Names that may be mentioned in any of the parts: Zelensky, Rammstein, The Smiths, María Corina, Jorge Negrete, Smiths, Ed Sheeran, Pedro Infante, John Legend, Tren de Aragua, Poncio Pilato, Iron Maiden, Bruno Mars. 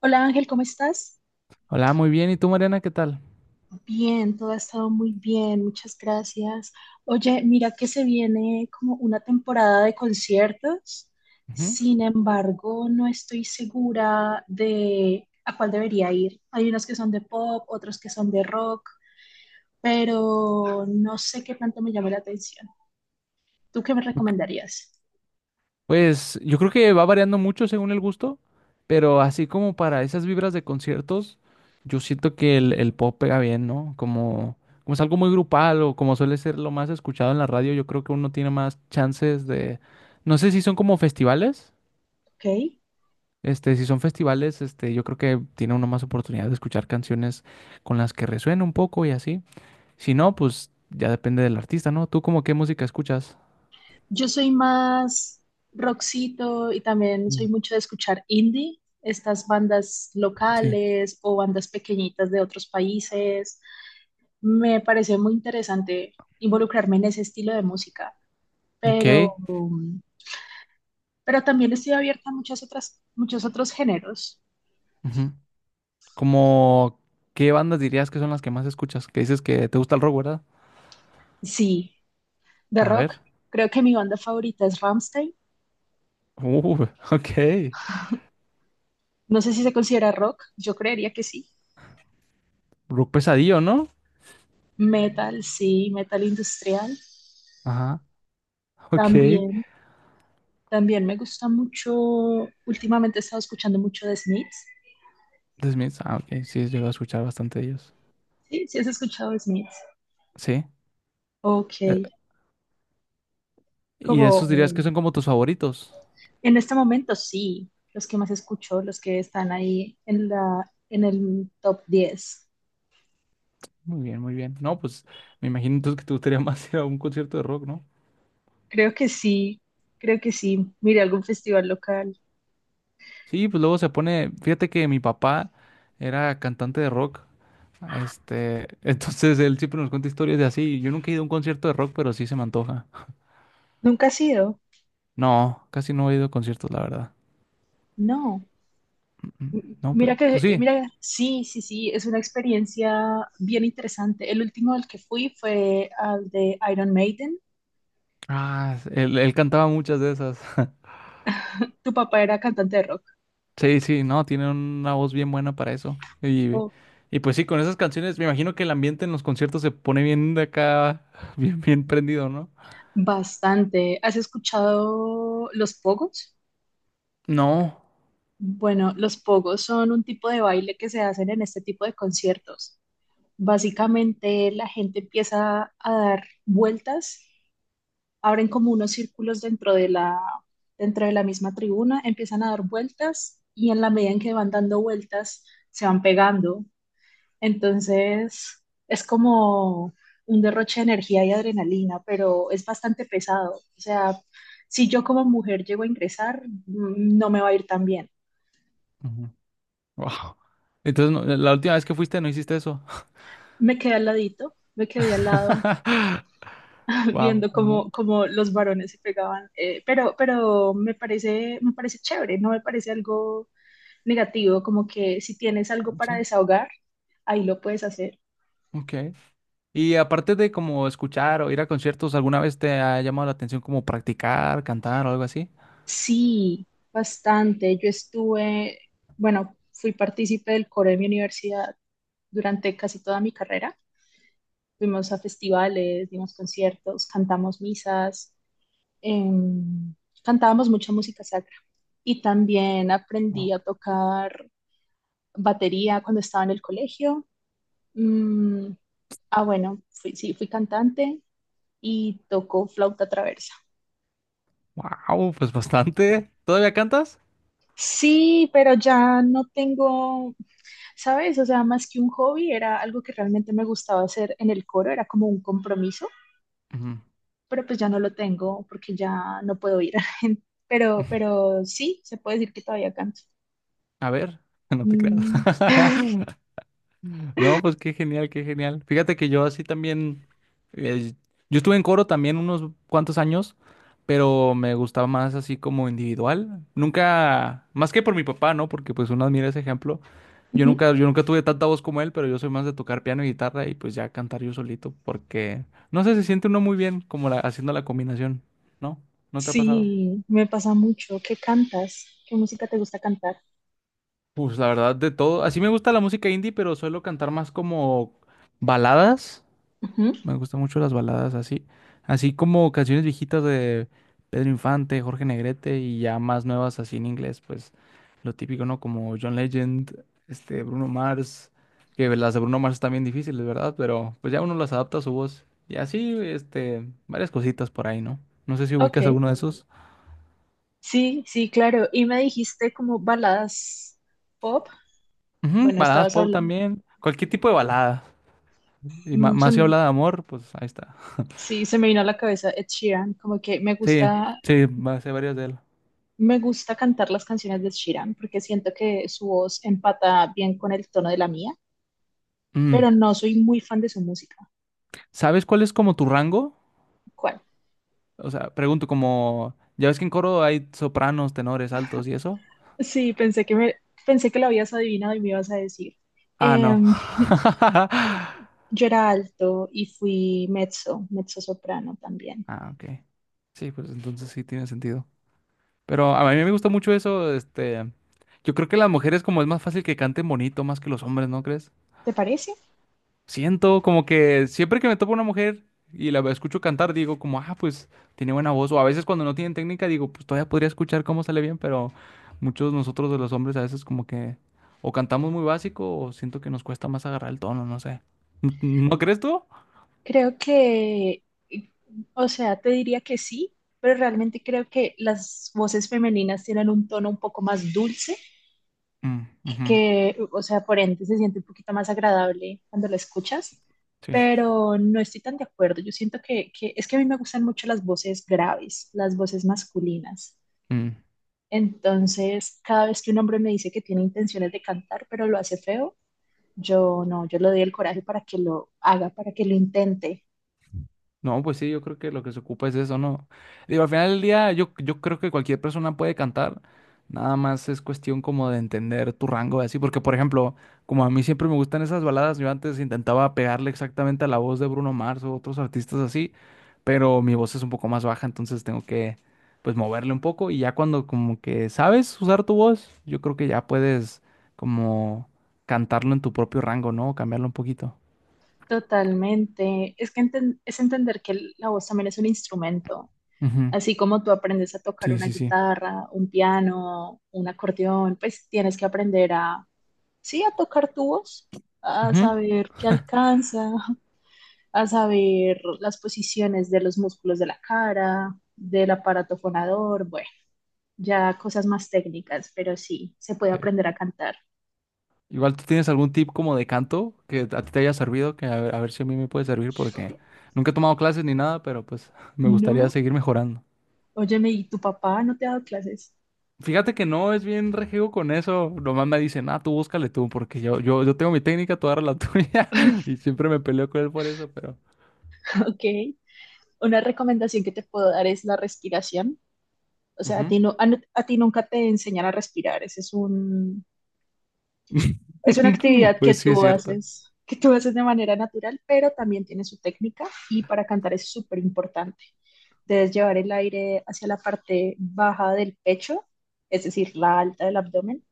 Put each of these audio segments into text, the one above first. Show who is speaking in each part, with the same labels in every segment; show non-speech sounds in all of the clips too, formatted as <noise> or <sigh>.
Speaker 1: Hola Ángel, ¿cómo estás?
Speaker 2: Hola, muy bien. ¿Y tú, Mariana, qué tal?
Speaker 1: Bien, todo ha estado muy bien, muchas gracias. Oye, mira que se viene como una temporada de conciertos,
Speaker 2: Ujú.
Speaker 1: sin embargo, no estoy segura de a cuál debería ir. Hay unos que son de pop, otros que son de rock, pero no sé qué tanto me llama la atención. ¿Tú qué me recomendarías?
Speaker 2: Pues yo creo que va variando mucho según el gusto, pero así como para esas vibras de conciertos, yo siento que el pop pega bien, ¿no? Como es algo muy grupal o como suele ser lo más escuchado en la radio, yo creo que uno tiene más chances de... No sé si son como festivales.
Speaker 1: ¿Ok?
Speaker 2: Este, si son festivales, este, yo creo que tiene uno más oportunidad de escuchar canciones con las que resuena un poco y así. Si no, pues ya depende del artista, ¿no? ¿Tú como qué música escuchas?
Speaker 1: Yo soy más rockcito y también
Speaker 2: Mm.
Speaker 1: soy mucho de escuchar indie, estas bandas
Speaker 2: Sí.
Speaker 1: locales o bandas pequeñitas de otros países. Me parece muy interesante involucrarme en ese estilo de música,
Speaker 2: Ok.
Speaker 1: pero, pero también estoy abierta a muchas otras, muchos otros géneros.
Speaker 2: Ujú. Como, ¿qué bandas dirías que son las que más escuchas? Que dices que te gusta el rock, ¿verdad?
Speaker 1: Sí, de
Speaker 2: A
Speaker 1: rock.
Speaker 2: ver.
Speaker 1: Creo que mi banda favorita es Rammstein.
Speaker 2: <laughs> Ok.
Speaker 1: No sé si se considera rock, yo creería que sí.
Speaker 2: Rock pesadillo, ¿no?
Speaker 1: Metal, sí, metal industrial
Speaker 2: Ajá. <laughs> Ok.
Speaker 1: también. También me gusta mucho, últimamente he estado escuchando mucho de Smiths.
Speaker 2: The Smiths. Ah, ok. Sí, llego a escuchar bastante de ellos.
Speaker 1: Sí, sí has escuchado de Smiths.
Speaker 2: Sí.
Speaker 1: Ok,
Speaker 2: Eh, y
Speaker 1: como
Speaker 2: esos dirías que son como tus favoritos.
Speaker 1: en este momento sí, los que más escucho, los que están ahí en en el top 10.
Speaker 2: Muy bien, muy bien. No, pues me imagino entonces que te gustaría <laughs> más ir a un concierto de rock, ¿no?
Speaker 1: Creo que sí, creo que sí. Mira, algún festival local.
Speaker 2: Sí, pues luego se pone, fíjate que mi papá era cantante de rock, este, <laughs> entonces él siempre nos cuenta historias de así. Yo nunca he ido a un concierto de rock, pero sí se me antoja.
Speaker 1: ¿Nunca has ido?
Speaker 2: No, casi no he ido a conciertos, la verdad.
Speaker 1: No.
Speaker 2: Mm. No,
Speaker 1: Mira
Speaker 2: pero, pues
Speaker 1: que,
Speaker 2: sí.
Speaker 1: mira, sí, sí, sí, es una experiencia bien interesante. El último al que fui fue al de Iron Maiden.
Speaker 2: Ah, él cantaba muchas de esas. <laughs>
Speaker 1: Tu papá era cantante de rock.
Speaker 2: Sí, sí, no, tiene una voz bien buena para eso. Y,
Speaker 1: Oh,
Speaker 2: y pues sí, con esas canciones, me imagino que el ambiente en los conciertos se pone bien de acá, <laughs> bien, bien prendido, ¿no?
Speaker 1: bastante. ¿Has escuchado los pogos?
Speaker 2: No.
Speaker 1: Bueno, los pogos son un tipo de baile que se hacen en este tipo de conciertos. Básicamente la gente empieza a dar vueltas, abren como unos círculos dentro de dentro de la misma tribuna, empiezan a dar vueltas y en la medida en que van dando vueltas se van pegando. Entonces, es como un derroche de energía y adrenalina, pero es bastante pesado. O sea, si yo como mujer llego a ingresar, no me va a ir tan bien.
Speaker 2: Ujú. Wow. Entonces, la última vez que fuiste no hiciste eso.
Speaker 1: Me quedé al ladito, me quedé al lado
Speaker 2: <laughs>
Speaker 1: <laughs>
Speaker 2: Wow,
Speaker 1: viendo
Speaker 2: no,
Speaker 1: cómo, cómo los varones se pegaban, pero me parece chévere, no me parece algo negativo, como que si tienes algo para
Speaker 2: sí,
Speaker 1: desahogar, ahí lo puedes hacer.
Speaker 2: ok. Y aparte de como escuchar o ir a conciertos, ¿alguna vez te ha llamado la atención como practicar, cantar o algo así?
Speaker 1: Sí, bastante. Yo estuve, bueno, fui partícipe del coro de mi universidad durante casi toda mi carrera. Fuimos a festivales, dimos conciertos, cantamos misas, em, cantábamos mucha música sacra. Y también aprendí a tocar batería cuando estaba en el colegio. Mm, ah, bueno, sí, fui cantante y toco flauta traversa.
Speaker 2: Wow, pues bastante. ¿Todavía cantas?
Speaker 1: Sí, pero ya no tengo, ¿sabes? O sea, más que un hobby, era algo que realmente me gustaba hacer en el coro, era como un compromiso,
Speaker 2: Ujú.
Speaker 1: pero pues ya no lo tengo porque ya no puedo ir. <laughs>
Speaker 2: <laughs>
Speaker 1: Pero sí, se puede decir que todavía canto.
Speaker 2: A ver, <laughs> no te creas.
Speaker 1: Mm,
Speaker 2: <laughs> No, pues qué genial, qué genial. Fíjate que yo así también, eh, yo estuve en coro también unos cuantos años, pero me gustaba más así como individual. Nunca, más que por mi papá, ¿no? Porque pues uno admira ese ejemplo. Yo
Speaker 1: ujú.
Speaker 2: nunca, yo nunca tuve tanta voz como él, pero yo soy más de tocar piano y guitarra y pues ya cantar yo solito, porque no sé, se siente uno muy bien como haciendo la combinación, ¿no? ¿No te ha pasado?
Speaker 1: Sí, me pasa mucho. ¿Qué cantas? ¿Qué música te gusta cantar?
Speaker 2: Pues la verdad de todo, así me gusta la música indie, pero suelo cantar más como baladas.
Speaker 1: Ujú,
Speaker 2: Me gustan mucho las baladas así, así como canciones viejitas de Pedro Infante, Jorge Negrete y ya más nuevas así en inglés, pues lo típico, ¿no? Como John Legend, este Bruno Mars, que las de Bruno Mars están bien difíciles, ¿verdad? Pero pues ya uno las adapta a su voz y así, este, varias cositas por ahí, ¿no? No sé si
Speaker 1: ok,
Speaker 2: ubicas alguno de esos.
Speaker 1: sí, sí, claro. Y me dijiste como baladas pop.
Speaker 2: Ujú,
Speaker 1: Bueno,
Speaker 2: baladas
Speaker 1: estabas
Speaker 2: pop
Speaker 1: hablando.
Speaker 2: también, cualquier tipo de balada. Y
Speaker 1: mm, se
Speaker 2: más si
Speaker 1: m-
Speaker 2: habla de amor, pues ahí está.
Speaker 1: sí, se me vino a la cabeza Ed Sheeran, como que me
Speaker 2: Sí,
Speaker 1: gusta.
Speaker 2: sí, va a ser varias de él.
Speaker 1: Me gusta cantar las canciones de Sheeran porque siento que su voz empata bien con el tono de la mía, pero
Speaker 2: Mm.
Speaker 1: no soy muy fan de su música.
Speaker 2: ¿Sabes cuál es como tu rango?
Speaker 1: ¿Cuál?
Speaker 2: O sea, pregunto como, ¿ya ves que en coro hay sopranos, tenores, altos y eso?
Speaker 1: Sí, pensé que lo habías adivinado y me ibas a decir.
Speaker 2: Ah, no.
Speaker 1: Em, <laughs>
Speaker 2: <laughs>
Speaker 1: yo era alto y fui mezzo, mezzo soprano también.
Speaker 2: Ah, ok. Sí, pues entonces sí tiene sentido. Pero a mí me gusta mucho eso, este, yo creo que las mujeres como es más fácil que canten bonito más que los hombres, ¿no crees?
Speaker 1: ¿Te parece?
Speaker 2: Siento como que siempre que me topo una mujer y la escucho cantar, digo como, ah, pues tiene buena voz. O a veces cuando no tienen técnica, digo, pues todavía podría escuchar cómo sale bien, pero muchos de nosotros de los hombres a veces como que o cantamos muy básico o siento que nos cuesta más agarrar el tono, no sé. ¿No crees tú?
Speaker 1: Creo que, o sea, te diría que sí, pero realmente creo que las voces femeninas tienen un tono un poco más dulce,
Speaker 2: Mm, ujú,
Speaker 1: que, o sea, por ende se siente un poquito más agradable cuando la escuchas,
Speaker 2: sí.
Speaker 1: pero no estoy tan de acuerdo. Yo siento que es que a mí me gustan mucho las voces graves, las voces masculinas.
Speaker 2: Mm.
Speaker 1: Entonces, cada vez que un hombre me dice que tiene intenciones de cantar, pero lo hace feo, yo no, yo le doy el coraje para que lo haga, para que lo intente.
Speaker 2: No, pues sí, yo creo que lo que se ocupa es eso, ¿no? Digo, al final del día, yo creo que cualquier persona puede cantar, nada más es cuestión como de entender tu rango, así, porque por ejemplo, como a mí siempre me gustan esas baladas, yo antes intentaba pegarle exactamente a la voz de Bruno Mars o otros artistas así, pero mi voz es un poco más baja, entonces tengo que, pues, moverle un poco y ya cuando como que sabes usar tu voz, yo creo que ya puedes como cantarlo en tu propio rango, ¿no? Cambiarlo un poquito.
Speaker 1: Totalmente. Es que es entender que la voz también es un instrumento.
Speaker 2: Ujú,
Speaker 1: Así como tú aprendes a tocar
Speaker 2: sí,
Speaker 1: una
Speaker 2: sí, sí.
Speaker 1: guitarra, un piano, un acordeón, pues tienes que aprender a, sí, a tocar tu voz, a
Speaker 2: Ujú,
Speaker 1: saber qué alcanza, <laughs> a saber las posiciones de los músculos de la cara, del aparato fonador, bueno, ya cosas más técnicas, pero sí, se puede
Speaker 2: sí.
Speaker 1: aprender a cantar.
Speaker 2: Igual tú tienes algún tip como de canto que a ti te haya servido, que a ver si a mí me puede servir porque nunca he tomado clases ni nada, pero pues <laughs> me gustaría
Speaker 1: No,
Speaker 2: seguir mejorando.
Speaker 1: óyeme, ¿y tu papá no te ha dado clases?
Speaker 2: Fíjate que no es bien rejego con eso. Nomás me dicen, ah, tú búscale tú, porque yo, yo tengo mi técnica, tú agarra la tuya. <laughs> Y siempre me peleo con él por eso, pero.
Speaker 1: <laughs> Ok. Una recomendación que te puedo dar es la respiración. O sea, a
Speaker 2: Ujú.
Speaker 1: ti, no, a ti nunca te enseñan a respirar. Ese es es una
Speaker 2: <laughs>
Speaker 1: actividad
Speaker 2: Pues sí, es cierto.
Speaker 1: que tú haces de manera natural, pero también tiene su técnica y para cantar es súper importante. Debes llevar el aire hacia la parte baja del pecho, es decir, la alta del abdomen,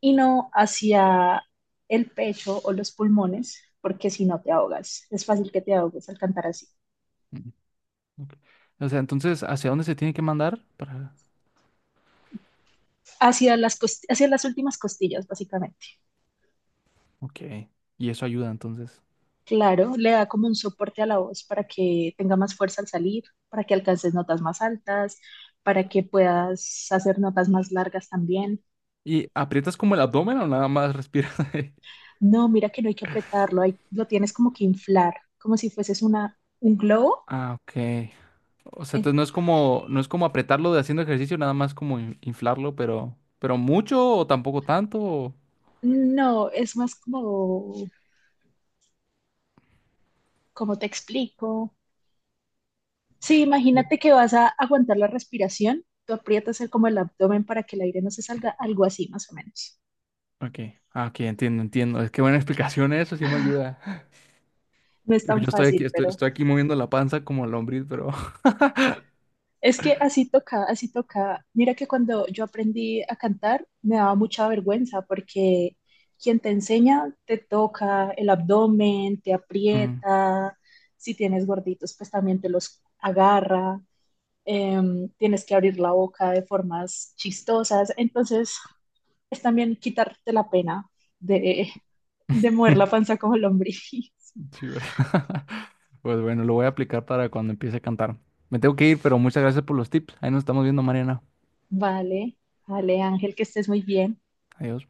Speaker 1: y no hacia el pecho o los pulmones, porque si no te ahogas, es fácil que te ahogues al cantar así.
Speaker 2: Mm, ok. O sea, entonces, ¿hacia dónde se tiene que mandar? Para...
Speaker 1: Hacia hacia las últimas costillas, básicamente.
Speaker 2: Ok. Y eso ayuda, entonces.
Speaker 1: Claro, le da como un soporte a la voz para que tenga más fuerza al salir, para que alcances notas más altas, para que puedas hacer notas más largas también.
Speaker 2: ¿Y aprietas como el abdomen o nada más respiras ahí? <laughs>
Speaker 1: No, mira que no hay que apretarlo, lo tienes como que inflar, como si fueses un globo.
Speaker 2: Ah, ok. O sea,
Speaker 1: En-
Speaker 2: entonces no es como, no es como apretarlo de haciendo ejercicio, nada más como inflarlo, pero mucho o tampoco tanto.
Speaker 1: No, es más como, como te explico. Sí, imagínate que vas a aguantar la respiración, tú aprietas como el abdomen para que el aire no se salga, algo así más o menos.
Speaker 2: Ok, ah, ok, entiendo, entiendo. Es que buena explicación eso, sí me ayuda. <laughs>
Speaker 1: No es
Speaker 2: Yo
Speaker 1: tan
Speaker 2: estoy aquí,
Speaker 1: fácil,
Speaker 2: estoy,
Speaker 1: pero
Speaker 2: estoy aquí moviendo la panza como lombriz, pero. <laughs>
Speaker 1: es que así toca, así toca. Mira que cuando yo aprendí a cantar me daba mucha vergüenza porque quien te enseña te toca el abdomen, te
Speaker 2: Mm.
Speaker 1: aprieta, si tienes gorditos pues también te los agarra, tienes que abrir la boca de formas chistosas, entonces es también quitarte la pena de, de mover la
Speaker 2: <laughs>
Speaker 1: panza como lombriz. <laughs>
Speaker 2: Sí, ¿verdad? <laughs> Pues bueno, lo voy a aplicar para cuando empiece a cantar. Me tengo que ir, pero muchas gracias por los tips. Ahí nos estamos viendo, Mariana.
Speaker 1: Vale, vale Ángel, que estés muy bien.
Speaker 2: Adiós.